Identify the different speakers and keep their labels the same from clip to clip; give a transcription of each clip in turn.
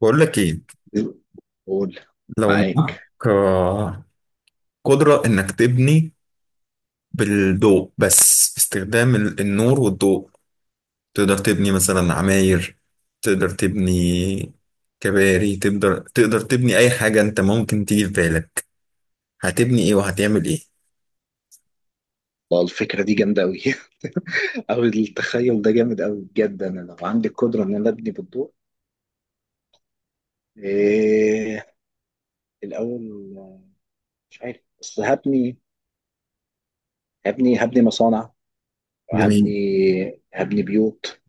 Speaker 1: بقول لك ايه
Speaker 2: قول.
Speaker 1: لو معاك
Speaker 2: معاك.
Speaker 1: آه. آه، قدرة انك تبني بالضوء بس استخدام النور والضوء تقدر تبني مثلا عماير، تقدر تبني كباري، تقدر تبني اي حاجة انت ممكن تيجي في بالك، هتبني ايه وهتعمل ايه.
Speaker 2: اه، الفكرة دي جامدة أوي. أو التخيل ده جامد أوي بجد. أنا لو عندي القدرة إن أنا أبني بالضوء إيه الأول؟ مش عارف، بس هبني مصانع.
Speaker 1: جميل،
Speaker 2: هبني هبني بيوت.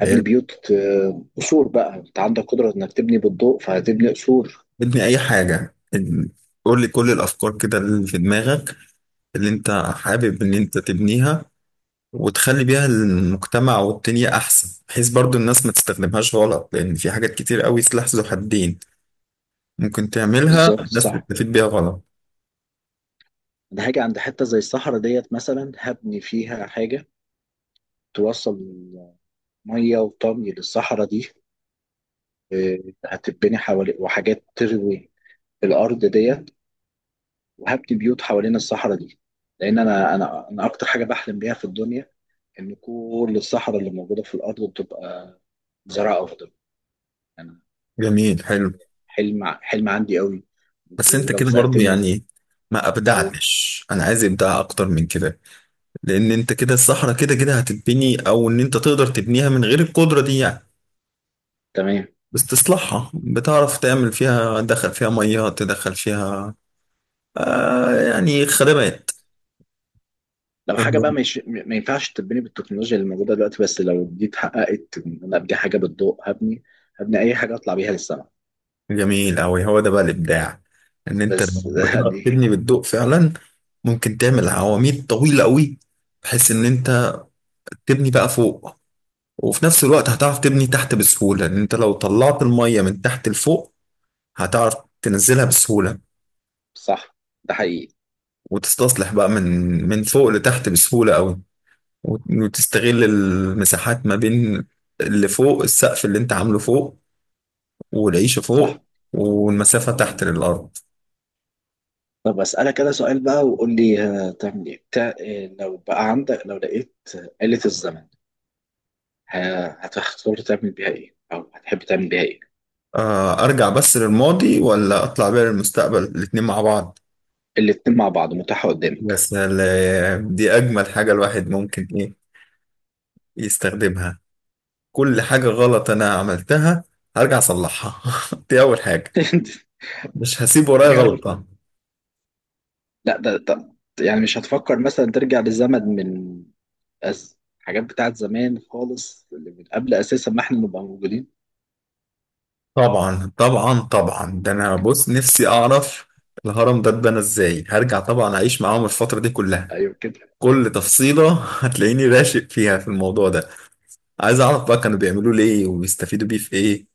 Speaker 2: هبني
Speaker 1: حلو.
Speaker 2: بيوت آه، قصور. بقى أنت عندك قدرة إنك تبني بالضوء فهتبني قصور.
Speaker 1: ابني اي حاجة، قول لي كل الافكار كده اللي في دماغك، اللي انت حابب ان انت تبنيها وتخلي بيها المجتمع والدنيا أحسن، بحيث برضو الناس ما تستخدمهاش غلط، لأن في حاجات كتير قوي سلاح ذو حدين ممكن تعملها
Speaker 2: بالظبط
Speaker 1: الناس
Speaker 2: صح.
Speaker 1: تستفيد بيها غلط.
Speaker 2: أنا هاجي عند حتة زي الصحراء ديت مثلا هبني فيها حاجة توصل مية وطمي للصحراء دي. هتتبني حوالي وحاجات تروي الارض ديت. وهبني بيوت حوالين الصحراء دي. لان انا اكتر حاجه بحلم بيها في الدنيا ان كل الصحراء اللي موجوده في الارض تبقى زراعه افضل. انا
Speaker 1: جميل، حلو.
Speaker 2: حلم حلم عندي قوي.
Speaker 1: بس أنت
Speaker 2: ولو
Speaker 1: كده برضو
Speaker 2: سالتني
Speaker 1: يعني ما
Speaker 2: قول.
Speaker 1: أبدعتش، أنا عايز إبداع أكتر من كده. لأن أنت كده الصحراء كده كده هتتبني، أو إن أنت تقدر تبنيها من غير القدرة دي يعني.
Speaker 2: تمام.
Speaker 1: بس تصلحها، بتعرف تعمل فيها، تدخل فيها مية، تدخل فيها آه يعني خدمات.
Speaker 2: لو حاجه بقى مش، ما ينفعش تتبني بالتكنولوجيا اللي موجوده دلوقتي، بس لو دي اتحققت إن انا ابني حاجه بالضوء هبني. هبني اي حاجه اطلع بيها للسما.
Speaker 1: جميل أوي، هو ده بقى الإبداع. إن أنت لما
Speaker 2: بس
Speaker 1: بتعرف
Speaker 2: دي.
Speaker 1: تبني بالضوء فعلا ممكن تعمل عواميد طويلة أوي، بحيث إن أنت تبني بقى فوق، وفي نفس الوقت هتعرف تبني تحت بسهولة. إن أنت لو طلعت المية من تحت لفوق هتعرف تنزلها بسهولة،
Speaker 2: صح. ده حقيقي.
Speaker 1: وتستصلح بقى من فوق لتحت بسهولة أوي، وتستغل المساحات ما بين اللي فوق السقف اللي أنت عامله فوق والعيشة فوق
Speaker 2: صح.
Speaker 1: والمسافة تحت للأرض.
Speaker 2: طب أسألك أنا سؤال بقى وقول لي، تعمل إيه؟ لو بقى عندك، لو لقيت آلة الزمن، هتختار تعمل بيها إيه؟ أو هتحب تعمل بيها إيه؟
Speaker 1: ارجع بس للماضي ولا اطلع بيها للمستقبل؟ الاتنين مع بعض.
Speaker 2: الاتنين مع بعض متاحة
Speaker 1: يا
Speaker 2: قدامك.
Speaker 1: سلام، دي اجمل حاجة الواحد ممكن ايه يستخدمها. كل حاجة غلط انا عملتها هرجع اصلحها. دي اول حاجة، مش هسيب ورايا
Speaker 2: دي أول.
Speaker 1: غلطة.
Speaker 2: لا، ده، يعني مش هتفكر مثلا ترجع للزمن من حاجات بتاعت زمان خالص، اللي من قبل أساسا ما إحنا نبقى موجودين؟
Speaker 1: طبعا طبعا طبعا، ده انا بص نفسي اعرف الهرم ده اتبنى ازاي، هرجع طبعا اعيش معاهم الفترة دي كلها،
Speaker 2: أيوه كده.
Speaker 1: كل تفصيلة. هتلاقيني راشق فيها في الموضوع ده، عايز اعرف بقى كانوا بيعملوا ليه وبيستفيدوا بيه في ايه،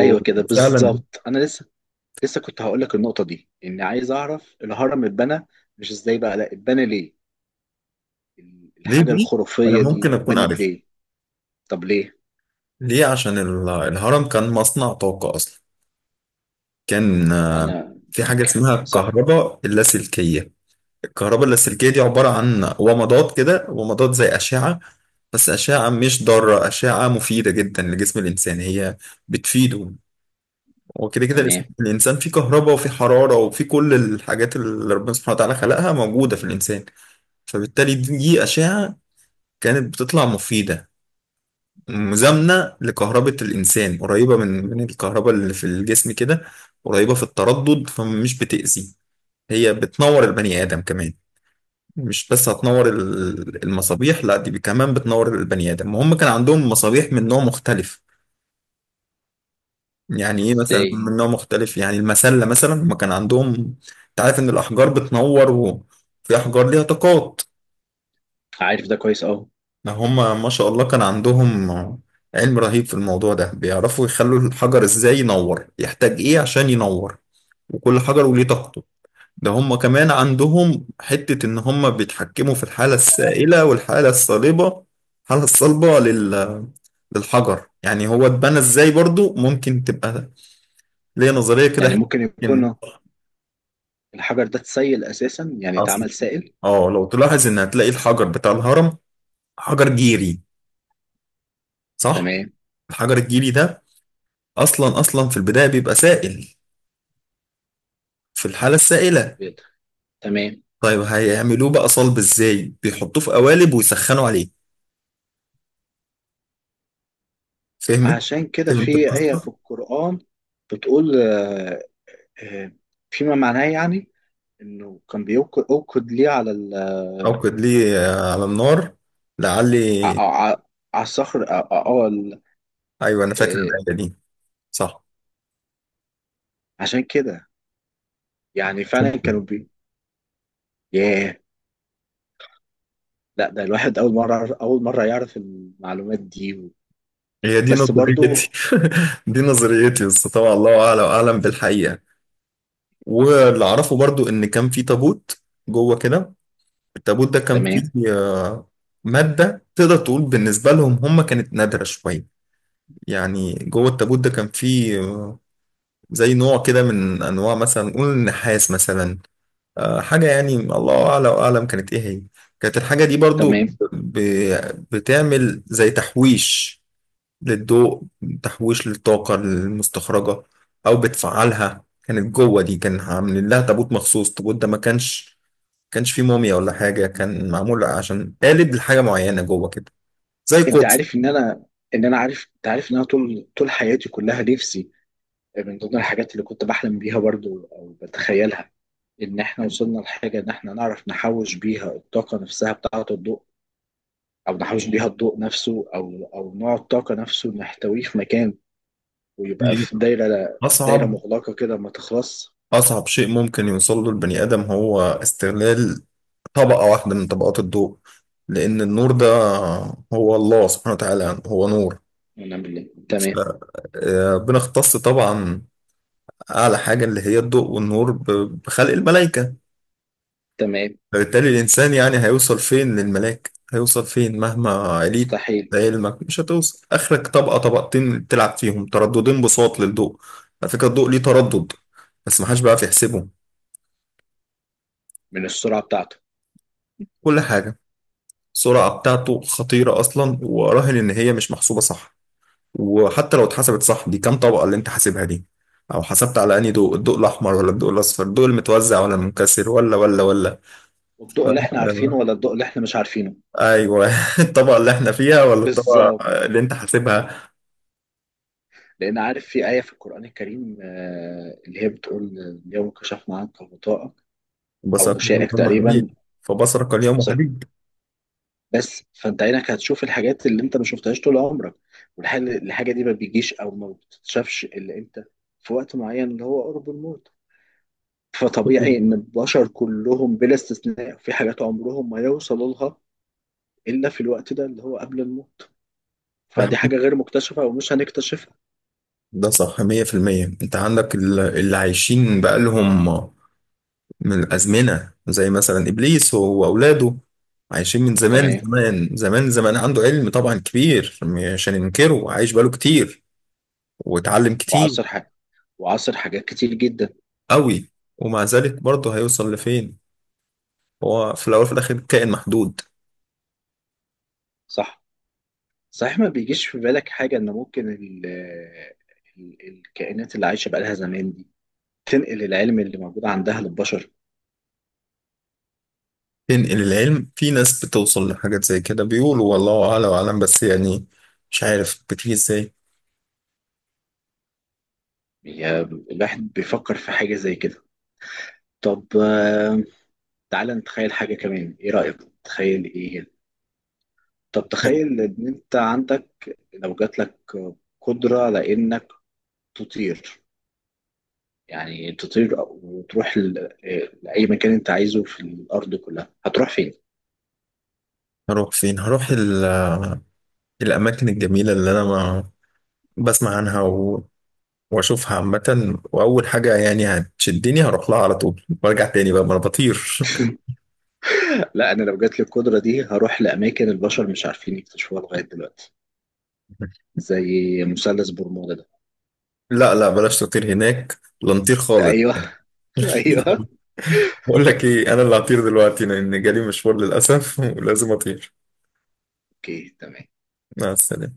Speaker 2: أيوه كده بالظبط. أنا لسه كنت هقول لك النقطة دي، إني عايز أعرف الهرم اتبنى مش إزاي بقى، لا اتبنى ليه؟
Speaker 1: ليه
Speaker 2: الحاجة
Speaker 1: دي؟ أنا
Speaker 2: الخرافية
Speaker 1: ممكن
Speaker 2: دي
Speaker 1: أكون
Speaker 2: اتبنت
Speaker 1: عارف.
Speaker 2: ليه؟ طب ليه؟
Speaker 1: ليه؟ عشان الهرم كان مصنع طاقة أصلا. كان
Speaker 2: أنا
Speaker 1: في حاجة
Speaker 2: هناك
Speaker 1: اسمها
Speaker 2: صح.
Speaker 1: الكهرباء اللاسلكية. الكهرباء اللاسلكية دي عبارة عن ومضات كده، ومضات زي أشعة، بس أشعة مش ضارة، أشعة مفيدة جدا لجسم الإنسان، هي بتفيده. وكده كده
Speaker 2: تمام.
Speaker 1: الإنسان فيه كهرباء وفيه حرارة وفيه كل الحاجات اللي ربنا سبحانه وتعالى خلقها موجودة في الإنسان. فبالتالي دي أشعة كانت بتطلع مفيدة، مزامنة لكهربة الإنسان، قريبة من الكهرباء اللي في الجسم كده، قريبة في التردد فمش بتأذي. هي بتنور البني آدم كمان، مش بس هتنور المصابيح، لا دي كمان بتنور البني آدم. وهم كان عندهم مصابيح من نوع مختلف. يعني إيه مثلا
Speaker 2: إزاي؟
Speaker 1: من نوع مختلف؟ يعني المسلة مثلا هم كان عندهم. أنت عارف إن الأحجار بتنور وفي أحجار ليها طاقات.
Speaker 2: عارف ده كويس أوي.
Speaker 1: ده هما ما شاء الله كان عندهم علم رهيب في الموضوع ده، بيعرفوا يخلوا الحجر ازاي ينور، يحتاج ايه عشان ينور، وكل حجر وليه طاقته. ده هما كمان عندهم حتة ان هما بيتحكموا في الحالة السائلة والحالة الصلبة. الحالة الصلبة للحجر، يعني هو اتبنى ازاي برضو. ممكن تبقى ليا نظرية كده
Speaker 2: يعني
Speaker 1: حلوة.
Speaker 2: ممكن
Speaker 1: ممكن.
Speaker 2: يكون الحجر ده اتسيل أساسا، يعني
Speaker 1: اصلا
Speaker 2: اتعمل سائل.
Speaker 1: اه لو تلاحظ ان هتلاقي الحجر بتاع الهرم حجر جيري، صح؟
Speaker 2: تمام.
Speaker 1: الحجر الجيري ده اصلا اصلا في البدايه بيبقى سائل، في الحاله السائله.
Speaker 2: أبيض. تمام.
Speaker 1: طيب هيعملوه بقى صلب ازاي؟ بيحطوه في قوالب ويسخنوا عليه، فهمي.
Speaker 2: عشان كده
Speaker 1: فهمت
Speaker 2: في آية في
Speaker 1: القصه.
Speaker 2: القرآن بتقول، آه، فيما معناه يعني إنه كان بيوقد، أوقد ليه على ال،
Speaker 1: اوقد لي على النار لعلي.
Speaker 2: ع- ع- على الصخر، اه،
Speaker 1: ايوه انا فاكر
Speaker 2: آه،
Speaker 1: الايه دي. صح.
Speaker 2: عشان كده يعني فعلا
Speaker 1: شكراً.
Speaker 2: كانوا بي. ياه. لا ده الواحد أول مرة، أول مرة يعرف المعلومات دي.
Speaker 1: هي دي
Speaker 2: بس برضو.
Speaker 1: نظريتي. دي نظريتي، بس طبعا الله اعلم، بالحقيقه. واللي اعرفه برضو ان كان في تابوت جوه كده. التابوت ده كان فيه
Speaker 2: تمام.
Speaker 1: ماده تقدر تقول بالنسبه لهم هم كانت نادره شويه. يعني جوه التابوت ده كان فيه زي نوع كده من انواع، مثلا نقول النحاس مثلا. حاجه يعني الله اعلى واعلم كانت ايه هي. كانت الحاجه دي برضو
Speaker 2: تمام.
Speaker 1: ب- بتعمل زي تحويش للضوء، تحويش للطاقه المستخرجه، او بتفعلها. كانت جوه دي، كان عاملين لها تابوت مخصوص. التابوت ده ما كانش فيه موميا ولا حاجه، كان معمول عشان قالب لحاجه معينه جوه كده، زي
Speaker 2: أنت
Speaker 1: قرص.
Speaker 2: عارف إن أنا، عارف. أنت عارف إن أنا طول طول حياتي كلها نفسي، من ضمن الحاجات اللي كنت بحلم بيها برضو أو بتخيلها، إن إحنا وصلنا لحاجة إن إحنا نعرف نحوش بيها الطاقة نفسها بتاعة الضوء، أو نحوش بيها الضوء نفسه، أو نوع الطاقة نفسه نحتويه في مكان ويبقى في دايرة دايرة
Speaker 1: اصعب،
Speaker 2: مغلقة كده ما تخلص.
Speaker 1: أصعب شيء ممكن يوصل له البني آدم هو استغلال طبقة واحدة من طبقات الضوء. لأن النور ده هو الله سبحانه وتعالى هو نور.
Speaker 2: ونعمل إيه؟ تمام.
Speaker 1: بنختص طبعا أعلى حاجة اللي هي الضوء والنور بخلق الملائكة.
Speaker 2: تمام.
Speaker 1: فبالتالي الإنسان يعني هيوصل فين للملاك؟ هيوصل فين مهما عليت
Speaker 2: مستحيل.
Speaker 1: بعلمك؟ مش هتوصل آخرك طبقة طبقتين تلعب فيهم ترددين بساط للضوء. على فكرة الضوء ليه تردد بس محدش بيعرف يحسبهم.
Speaker 2: من السرعة بتاعته.
Speaker 1: كل حاجة، السرعة بتاعته خطيرة أصلا، وأراهن إن هي مش محسوبة صح. وحتى لو اتحسبت صح، دي كام طبقة اللي أنت حاسبها دي؟ أو حسبت على أنهي ضوء؟ الضوء الأحمر ولا الضوء الأصفر؟ الضوء المتوزع ولا المنكسر ولا ولا ولا.
Speaker 2: والضوء
Speaker 1: ف-
Speaker 2: اللي احنا عارفينه ولا الضوء اللي احنا مش عارفينه.
Speaker 1: أيوه. الطبقة اللي إحنا فيها ولا الطبقة
Speaker 2: بالظبط.
Speaker 1: اللي أنت حاسبها.
Speaker 2: لان عارف في آية في القرآن الكريم، اللي هي بتقول، اليوم كشفنا عنك غطاءك، او
Speaker 1: بصرك
Speaker 2: غشائك
Speaker 1: اليوم وحديد.
Speaker 2: تقريبا،
Speaker 1: فبصرك
Speaker 2: في
Speaker 1: اليوم
Speaker 2: بصرك.
Speaker 1: وحديد.
Speaker 2: بس فانت عينك هتشوف الحاجات اللي انت ما شفتهاش طول عمرك. والحاجة دي ما بيجيش او ما بتتشافش الا امتى؟ في وقت معين اللي هو قرب الموت. فطبيعي ان البشر كلهم بلا استثناء في حاجات عمرهم ما يوصلوا لها الا في الوقت ده اللي هو قبل الموت.
Speaker 1: ده
Speaker 2: فدي
Speaker 1: حقيقي.
Speaker 2: حاجة غير مكتشفة ومش هنكتشفها.
Speaker 1: ده صح 100%. أنت عندك اللي عايشين بقالهم من الأزمنة، زي مثلا إبليس هو وأولاده، عايشين من زمان
Speaker 2: تمام.
Speaker 1: زمان زمان زمان، عنده علم طبعا كبير. عشان ينكره عايش بقاله كتير واتعلم كتير
Speaker 2: وعصر حاجة. وعصر حاجات كتير جدا.
Speaker 1: قوي. ومع ذلك برضه هيوصل لفين؟ هو في الأول وفي الآخر كائن محدود.
Speaker 2: صح. صحيح. ما بيجيش في بالك حاجة إن ممكن الكائنات اللي عايشة بقالها زمان دي تنقل العلم اللي موجود عندها للبشر؟
Speaker 1: تنقل العلم، في ناس بتوصل لحاجات زي كده بيقولوا والله أعلى وأعلم، بس يعني مش عارف بتيجي إزاي.
Speaker 2: هي الواحد بيفكر في حاجة زي كده. طب تعالى نتخيل حاجة كمان، إيه رأيك؟ تخيل إيه. طب تخيل إن أنت عندك، لو جات لك قدرة على إنك تطير، يعني تطير وتروح لأي مكان أنت عايزه في الأرض كلها، هتروح فين؟
Speaker 1: هروح فين؟ هروح الأماكن الجميلة اللي أنا ما بسمع عنها واشوفها عامة. واول حاجة يعني هتشدني هروح لها على طول وارجع تاني بقى، ما انا بطير.
Speaker 2: لا انا لو جات لي القدره دي هروح لاماكن البشر مش عارفين يكتشفوها لغايه دلوقتي، زي مثلث برمودا ده.
Speaker 1: لا لا بلاش تطير هناك، لا نطير خالص.
Speaker 2: ايوه. ايوه.
Speaker 1: بقول لك ايه، انا اللي هطير دلوقتي لان جالي مشوار للاسف، ولازم اطير.
Speaker 2: اوكي تمام.
Speaker 1: مع السلامة.